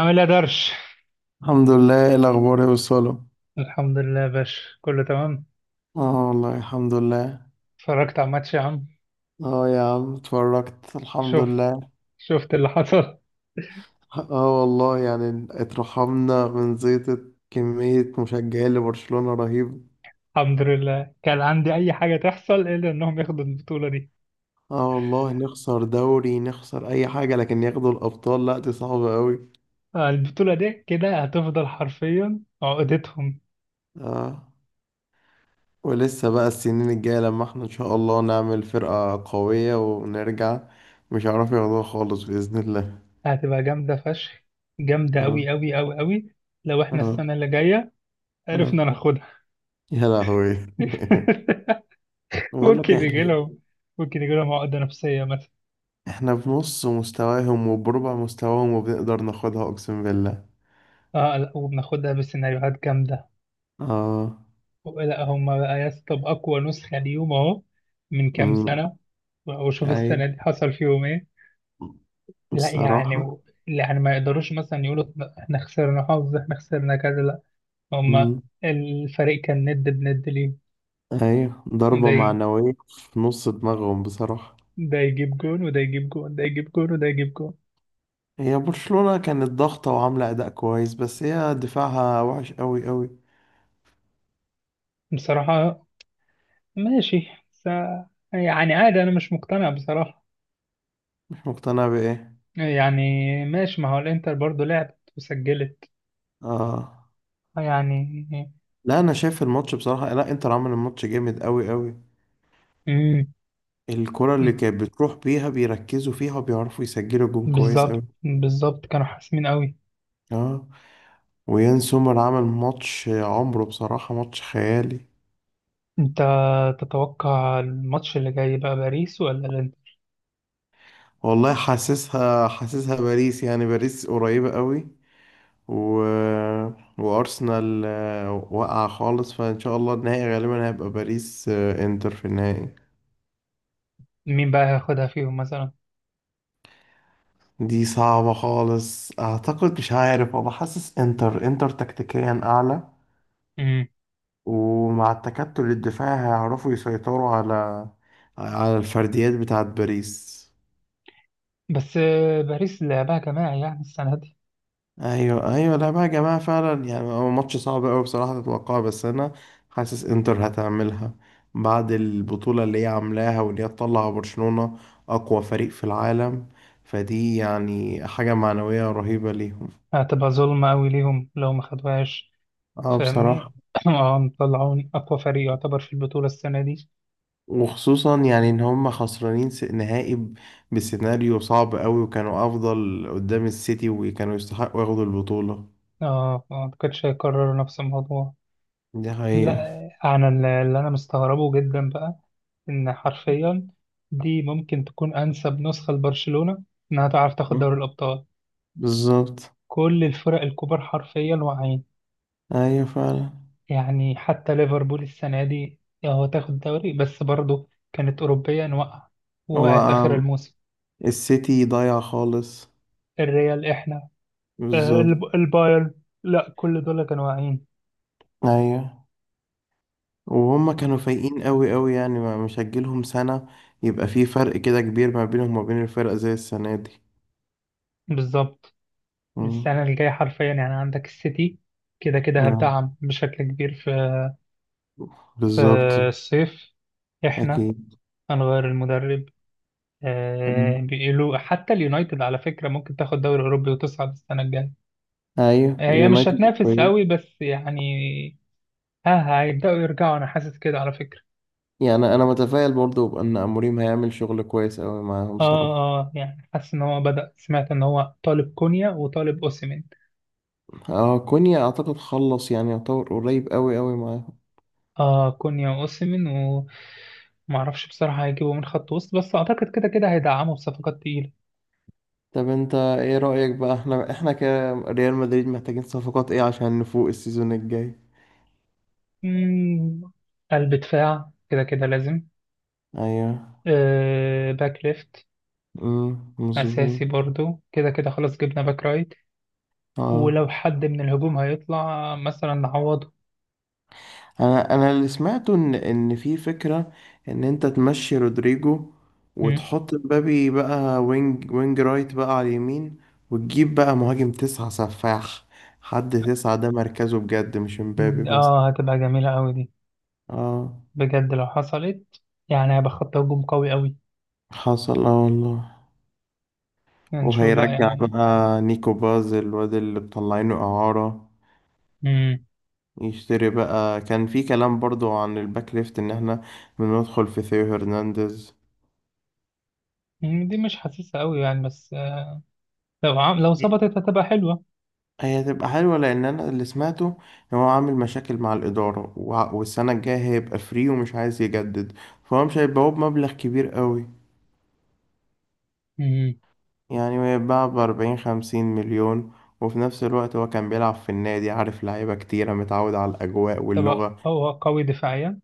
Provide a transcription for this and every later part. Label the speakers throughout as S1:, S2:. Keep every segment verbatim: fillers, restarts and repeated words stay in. S1: عامل ايه يا درش؟
S2: الحمد لله، ايه الاخبار يا وصاله؟
S1: الحمد لله يا باشا، كله تمام.
S2: اه والله، الحمد لله.
S1: اتفرجت على الماتش يا عم؟
S2: اه يا عم، اتفرجت الحمد
S1: شوف.
S2: لله.
S1: شفت اللي حصل.
S2: اه والله، يعني اترحمنا من زيطة كمية مشجعين لبرشلونة رهيب.
S1: الحمد لله، كان عندي اي حاجه تحصل الا انهم ياخدوا البطوله دي.
S2: اه والله، نخسر دوري، نخسر اي حاجة، لكن ياخدوا الابطال؟ لا، دي صعبة قوي.
S1: آه، البطوله دي كده هتفضل حرفيا عقدتهم.
S2: اه. ولسه بقى السنين الجاية لما احنا ان شاء الله نعمل فرقة قوية ونرجع، مش هيعرفوا ياخدوها خالص بإذن الله.
S1: هتبقى جامده فشخ. جامده
S2: اه.
S1: قوي قوي قوي قوي. لو احنا
S2: اه.
S1: السنه اللي جايه
S2: اه.
S1: عرفنا ناخدها.
S2: يا لهوي! بقول
S1: ممكن
S2: لك
S1: يجي
S2: احنا
S1: لهم ممكن يجي لهم عقده نفسيه مثلا.
S2: احنا في نص مستواهم وبربع مستواهم، وبنقدر ناخدها، اقسم بالله.
S1: اه، لا، وبناخدها بسيناريوهات جامده.
S2: اه.
S1: لا هم بقى يا اسطى، بأقوى نسخة ليهم أهو. من كام
S2: امم.
S1: سنة. وشوف
S2: اي.
S1: السنة دي حصل فيهم إيه. لا يعني
S2: بصراحة.
S1: و... يعني ما يقدروش مثلا يقولوا إحنا خسرنا حظ، إحنا خسرنا كذا، لا. هم،
S2: امم.
S1: الفريق كان ند بند ليه.
S2: ايوه،
S1: ده
S2: ضربة
S1: ي...
S2: معنوية في نص دماغهم، بصراحة.
S1: ده يجيب جون وده يجيب جون، ده يجيب جون وده يجيب جون.
S2: هي برشلونة كانت ضاغطة وعاملة أداء كويس، بس هي دفاعها وحش أوي أوي.
S1: بصراحة، ماشي س... يعني عادي، أنا مش مقتنع بصراحة.
S2: مش مقتنع بإيه؟
S1: يعني ماشي، ما هو الإنتر برضه لعبت وسجلت
S2: آه.
S1: يعني.
S2: لا، أنا شايف الماتش بصراحة، لا إنتر عمل الماتش جامد أوي أوي. الكرة اللي
S1: مم.
S2: كانت بتروح بيها بيركزوا فيها وبيعرفوا يسجلوا جون كويس أوي.
S1: بالظبط، بالظبط كانوا حاسمين قوي.
S2: آه. ويان سومر عمل ماتش عمره بصراحة، ماتش خيالي.
S1: انت تتوقع الماتش اللي جاي بقى، باريس ولا الانتر؟
S2: والله، حاسسها حاسسها باريس، يعني باريس قريبة قوي. و... وأرسنال آه، واقعة خالص، فإن شاء الله النهائي غالبا هيبقى باريس آه، إنتر في النهائي.
S1: مين بقى هياخدها فيهم مثلا؟
S2: دي صعبة خالص، أعتقد. مش عارف، أنا حاسس إنتر إنتر تكتيكيا أعلى.
S1: امم
S2: ومع التكتل الدفاعي هيعرفوا يسيطروا على على الفرديات بتاعت باريس.
S1: بس آه، باريس لعبها جماعي يعني السنة دي.
S2: ايوه، ايوه، لا بقى يا جماعه، فعلا يعني هو ماتش صعب قوي بصراحه تتوقعه، بس انا حاسس انتر هتعملها. بعد البطوله اللي هي عاملاها، واللي هي تطلع برشلونه اقوى فريق في العالم، فدي يعني حاجه معنويه رهيبه ليهم.
S1: هتبقى ظلمة قوي ليهم لو ما خدوهاش.
S2: اه،
S1: فاهمني.
S2: بصراحه.
S1: اه، مطلعون اقوى فريق يعتبر في البطولة السنة دي.
S2: وخصوصا يعني ان هم خسرانين س- نهائي ب- بسيناريو صعب قوي، وكانوا افضل قدام السيتي، وكانوا يستحقوا ياخدوا البطوله.
S1: اه، ما اعتقدش هيكرروا نفس الموضوع.
S2: دي حقيقه.
S1: لا. انا اللي اللي انا مستغربه جدا بقى، ان حرفيا دي ممكن تكون انسب نسخه لبرشلونه انها تعرف تاخد
S2: مم.
S1: دوري الابطال.
S2: بالظبط.
S1: كل الفرق الكبار حرفيا واعيين.
S2: ايوه فعلا.
S1: يعني حتى ليفربول السنه دي هو تاخد الدوري بس برضه كانت اوروبيا واقعه،
S2: هو
S1: وقعت اخر الموسم.
S2: السيتي ضايع خالص.
S1: الريال احنا، آه،
S2: بالظبط.
S1: الب- البايرن، لا كل دول كانوا واعيين.
S2: ايوه. وهم كانوا فايقين قوي قوي، يعني ما مش هتجيلهم سنة يبقى في فرق كده كبير ما بينهم وما بين الفرق زي السنة دي.
S1: بالظبط.
S2: مم.
S1: السنه الجايه حرفيا يعني عندك السيتي، كده كده
S2: آه.
S1: هتدعم بشكل كبير في في
S2: بالظبط.
S1: الصيف. احنا
S2: اكيد.
S1: هنغير المدرب. آه، بيقولوا حتى اليونايتد على فكرة ممكن تاخد دوري أوروبي وتصعد السنة الجاية.
S2: ايوه،
S1: آه، هي مش
S2: اليونايتد
S1: هتنافس
S2: قريب.
S1: قوي بس يعني ها هيبدأوا يرجعوا، أنا حاسس كده على فكرة.
S2: يعني انا متفائل برضو بان اموريم هيعمل شغل كويس قوي معاهم،
S1: اه،
S2: صراحة.
S1: اه، يعني حاسس إن هو بدأ، سمعت إن هو طالب كونيا وطالب أوسيمين.
S2: اه كونيا اعتقد خلص، يعني يعتبر قريب قوي قوي معاهم.
S1: اه، كونيا وأوسيمين. ومعرفش بصراحة هيجيبوا من خط وسط بس أعتقد كده كده هيدعموا بصفقات تقيلة.
S2: طب انت ايه رأيك بقى؟ احنا احنا كريال مدريد محتاجين صفقات ايه عشان نفوق السيزون الجاي؟
S1: مم، قلب دفاع كده كده لازم.
S2: ايوه.
S1: آه، باك ليفت
S2: امم، مظبوط.
S1: أساسي برضو كده كده، خلاص جبنا باك رايت. ولو
S2: اه،
S1: حد من الهجوم هيطلع مثلا نعوضه.
S2: انا انا اللي سمعته ان ان في فكره، ان انت تمشي رودريجو،
S1: مم.
S2: وتحط مبابي بقى وينج وينج رايت بقى على اليمين. وتجيب بقى مهاجم تسعة سفاح، حد تسعة ده مركزه بجد، مش مبابي مثلا.
S1: اه، هتبقى جميلة أوي دي،
S2: اه.
S1: بجد لو حصلت. يعني هيبقى خط هجوم قوي أوي.
S2: حصل، اه والله.
S1: هنشوف بقى
S2: وهيرجع
S1: يعني.
S2: بقى نيكو باز الواد اللي مطلعينه إعارة،
S1: مم.
S2: يشتري بقى. كان في كلام برضو عن الباك ليفت ان احنا بندخل في ثيو هرنانديز.
S1: مم، دي مش حاسسها أوي يعني، بس آه، لو عم... لو ظبطت هتبقى حلوة.
S2: هي هتبقى حلوة، لأن أنا اللي سمعته إن هو عامل مشاكل مع الإدارة، وع- والسنة الجاية هيبقى فري ومش عايز يجدد، فهو مش هيبقى هو بمبلغ كبير قوي.
S1: مم.
S2: يعني هيتباع بأربعين خمسين مليون. وفي نفس الوقت هو كان بيلعب في النادي، عارف لعيبة كتيرة، متعود على الأجواء واللغة.
S1: تبقى هو قوي دفاعيا.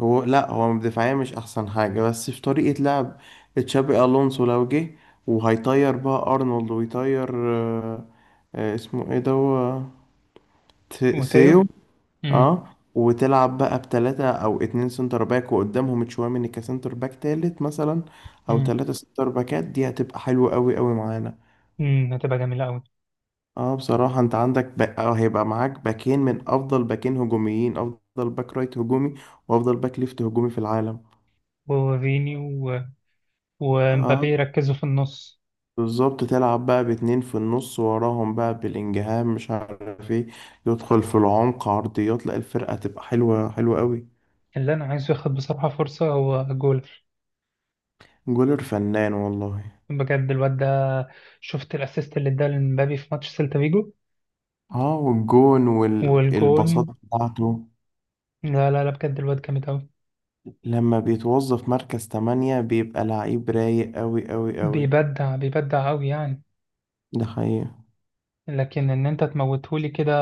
S2: هو لأ هو دفاعيا مش أحسن حاجة، بس في طريقة لعب تشابي ألونسو لو جه، وهيطير بقى أرنولد، ويطير آه، آه، اسمه إيه ده؟ هو
S1: وتيو.
S2: ثيو.
S1: مم.
S2: اه وتلعب بقى بتلاتة او اتنين سنتر باك، وقدامهم تشواميني كسنتر باك تالت مثلا. او
S1: مم.
S2: تلاتة سنتر باكات، دي هتبقى حلوة قوي قوي معانا.
S1: مم، هتبقى جميلة أوي.
S2: اه بصراحة، انت عندك بقى آه هيبقى معاك باكين من افضل باكين هجوميين، افضل باك رايت هجومي وافضل باك ليفت هجومي في العالم.
S1: وفيني و... ومبابي
S2: اه،
S1: يركزوا في النص.
S2: بالظبط تلعب بقى باتنين في النص، وراهم بقى بالانجهام مش عارف ايه يدخل في العمق، عرضيات. لا، الفرقة هتبقى حلوة حلوة قوي.
S1: اللي انا عايزه ياخد بصراحه فرصه هو جول.
S2: جولر فنان والله.
S1: بجد الواد ده، شفت الاسيست اللي اداه لمبابي في ماتش سيلتا فيجو
S2: اه، والجون
S1: والجون.
S2: والبساطة بتاعته.
S1: لا، لا، لا، بجد الواد جامد قوي.
S2: لما بيتوظف مركز تمانية بيبقى لعيب رايق أوي أوي أوي.
S1: بيبدع بيبدع قوي يعني.
S2: ده حقيقة.
S1: لكن ان انت تموتهولي كده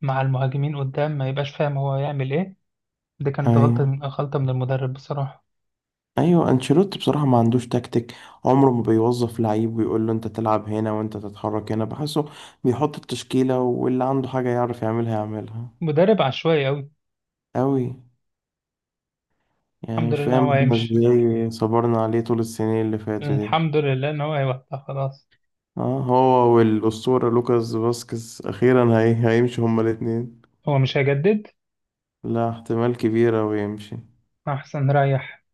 S1: مع المهاجمين قدام ما يبقاش فاهم هو يعمل ايه. دي كانت غلطه
S2: أيوة.
S1: من غلطه من المدرب بصراحه.
S2: أيوة، أنشيلوتي بصراحة ما عندوش تكتيك، عمره ما بيوظف لعيب ويقول له أنت تلعب هنا وأنت تتحرك هنا، بحسه بيحط التشكيلة، واللي عنده حاجة يعرف يعملها يعملها.
S1: مدرب عشوائي قوي.
S2: أوي. يعني
S1: الحمد
S2: مش
S1: لله ان
S2: فاهم
S1: هو
S2: احنا
S1: هيمشي.
S2: ازاي صبرنا عليه طول السنين اللي فاتوا دي.
S1: الحمد لله ان هو هيوقع خلاص.
S2: اه، هو والأسطورة لوكاس فاسكيز أخيرا هي... هيمشوا هما الاتنين.
S1: هو مش هيجدد.
S2: لا احتمال كبير أوي يمشي.
S1: احسن ريح.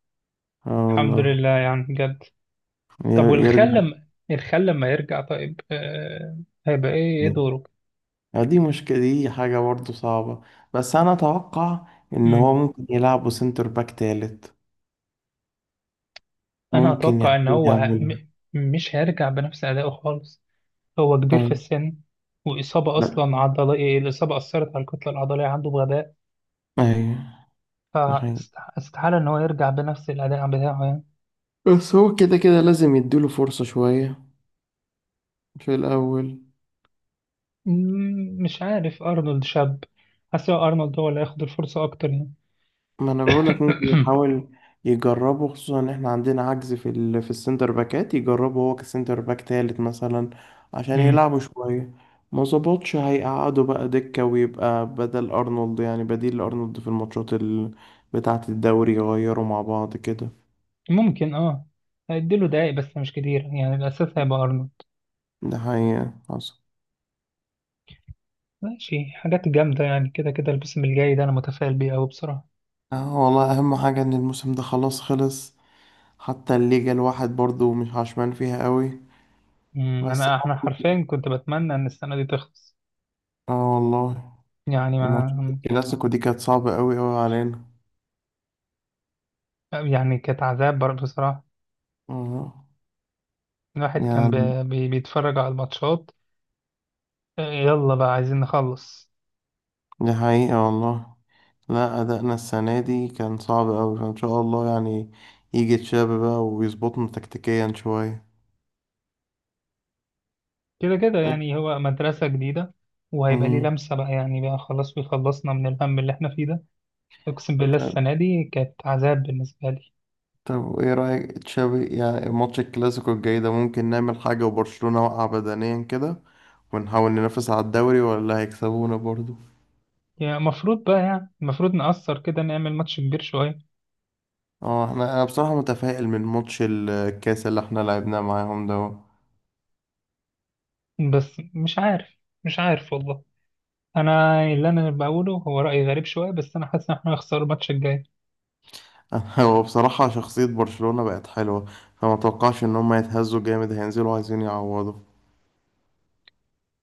S2: اه
S1: الحمد
S2: والله.
S1: لله يعني بجد. طب
S2: ير-
S1: والخال
S2: يرجع.
S1: لما الخال لما يرجع طيب، آه... هيبقى ايه ايه دوره؟
S2: آه، دي مشكلة، دي حاجة برضه صعبة، بس أنا أتوقع إن هو
S1: مم.
S2: ممكن يلعبه سنتر باك تالت.
S1: انا
S2: ممكن
S1: اتوقع ان
S2: يحاول
S1: هو ه- م...
S2: يعملها.
S1: مش هيرجع بنفس ادائه خالص. هو كبير في
S2: أيوة.
S1: السن. واصابه
S2: لا.
S1: اصلا عضليه، الاصابه اثرت على الكتله العضليه عنده بغباء.
S2: أيوة. ده حقيقي.
S1: فاستحاله ان هو يرجع بنفس الاداء بتاعه يعني.
S2: بس هو كده كده لازم يديله فرصة شوية في الأول.
S1: مم، مش عارف ارنولد شاب، حاسس هو ارنولد هو اللي هياخد الفرصه اكتر يعني.
S2: ما انا بقولك ممكن يحاول يجربه، خصوصا ان احنا عندنا عجز في ال... في السنتر باكات، يجربه هو كسنتر باك تالت مثلا عشان
S1: مم.
S2: يلعبوا شوية. ما ظبطش هيقعدوا بقى دكة، ويبقى بدل ارنولد يعني بديل لارنولد في الماتشات ال... بتاعة الدوري، يغيروا مع بعض كده.
S1: ممكن اه، هيديله دقايق بس مش كتير يعني الاساس هيبقى ارنولد.
S2: ده حقيقة حصل.
S1: ماشي، حاجات جامدة يعني، كده كده الموسم الجاي ده أنا متفائل بيه أوي بصراحة.
S2: اه والله، اهم حاجة ان الموسم ده خلاص خلص. حتى الليجا الواحد برضو مش عشمان فيها قوي.
S1: أمم،
S2: بس
S1: أنا إحنا
S2: ممكن-
S1: حرفيا كنت بتمنى إن السنة دي تخلص،
S2: اه والله،
S1: يعني ما
S2: ماتشات الكلاسيكو دي كانت صعبة قوي قوي علينا.
S1: يعني كانت عذاب بر- بصراحة.
S2: آه.
S1: الواحد كان
S2: يعني.
S1: بي... بي- بيتفرج على الماتشات. آه، يلا بقى عايزين نخلص.
S2: دي حقيقة والله. لا أدائنا السنة دي كان صعب أوي، فإن شاء الله يعني يجي تشابي بقى ويظبطنا تكتيكيا شوية.
S1: كده كده
S2: إيه.
S1: يعني هو مدرسة جديدة، وهيبقى ليه
S2: مم.
S1: لمسة بقى يعني بقى خلاص بيخلصنا من الهم اللي إحنا فيه ده. أقسم بالله
S2: طب
S1: السنة دي كانت عذاب بالنسبة لي.
S2: طب إيه رأيك تشابي؟ يعني ماتش الكلاسيكو الجاي ده ممكن نعمل حاجة وبرشلونة وقع بدنيا كده، ونحاول ننافس على الدوري، ولا هيكسبونا برضو؟
S1: يعني المفروض بقى يعني المفروض نأثر كده، نعمل ماتش كبير شوية.
S2: اه احنا انا بصراحة متفائل من ماتش الكاس اللي احنا لعبناه معاهم ده.
S1: بس مش عارف. مش عارف والله. انا اللي انا بقوله هو راي غريب شويه، بس انا حاسس ان احنا هنخسر الماتش الجاي.
S2: هو بصراحة شخصية برشلونة بقت حلوة، فما توقعش ان هم يتهزوا جامد، هينزلوا عايزين يعوضوا.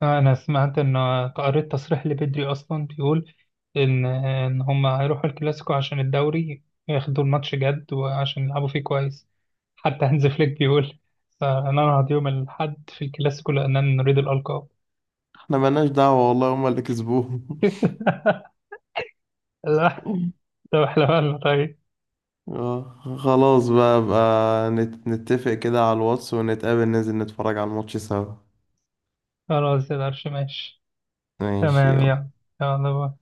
S1: انا سمعت ان، قريت تصريح لبدري اصلا بيقول ان ان هم هيروحوا الكلاسيكو عشان الدوري ياخدوا الماتش جد وعشان يلعبوا فيه كويس. حتى هانز فليك بيقول سننهض يوم الاحد في الكلاسيكو لاننا نريد الالقاب.
S2: احنا ملناش دعوة والله، هم اللي كسبوهم.
S1: لا. طب احنا مالنا طيب؟
S2: آه، خلاص بقى بقى نت- نتفق كده على الواتس، ونتقابل ننزل نتفرج على الماتش سوا.
S1: خلاص يا درش، ماشي.
S2: ماشي
S1: تمام
S2: يلا.
S1: يلا. يلا باي.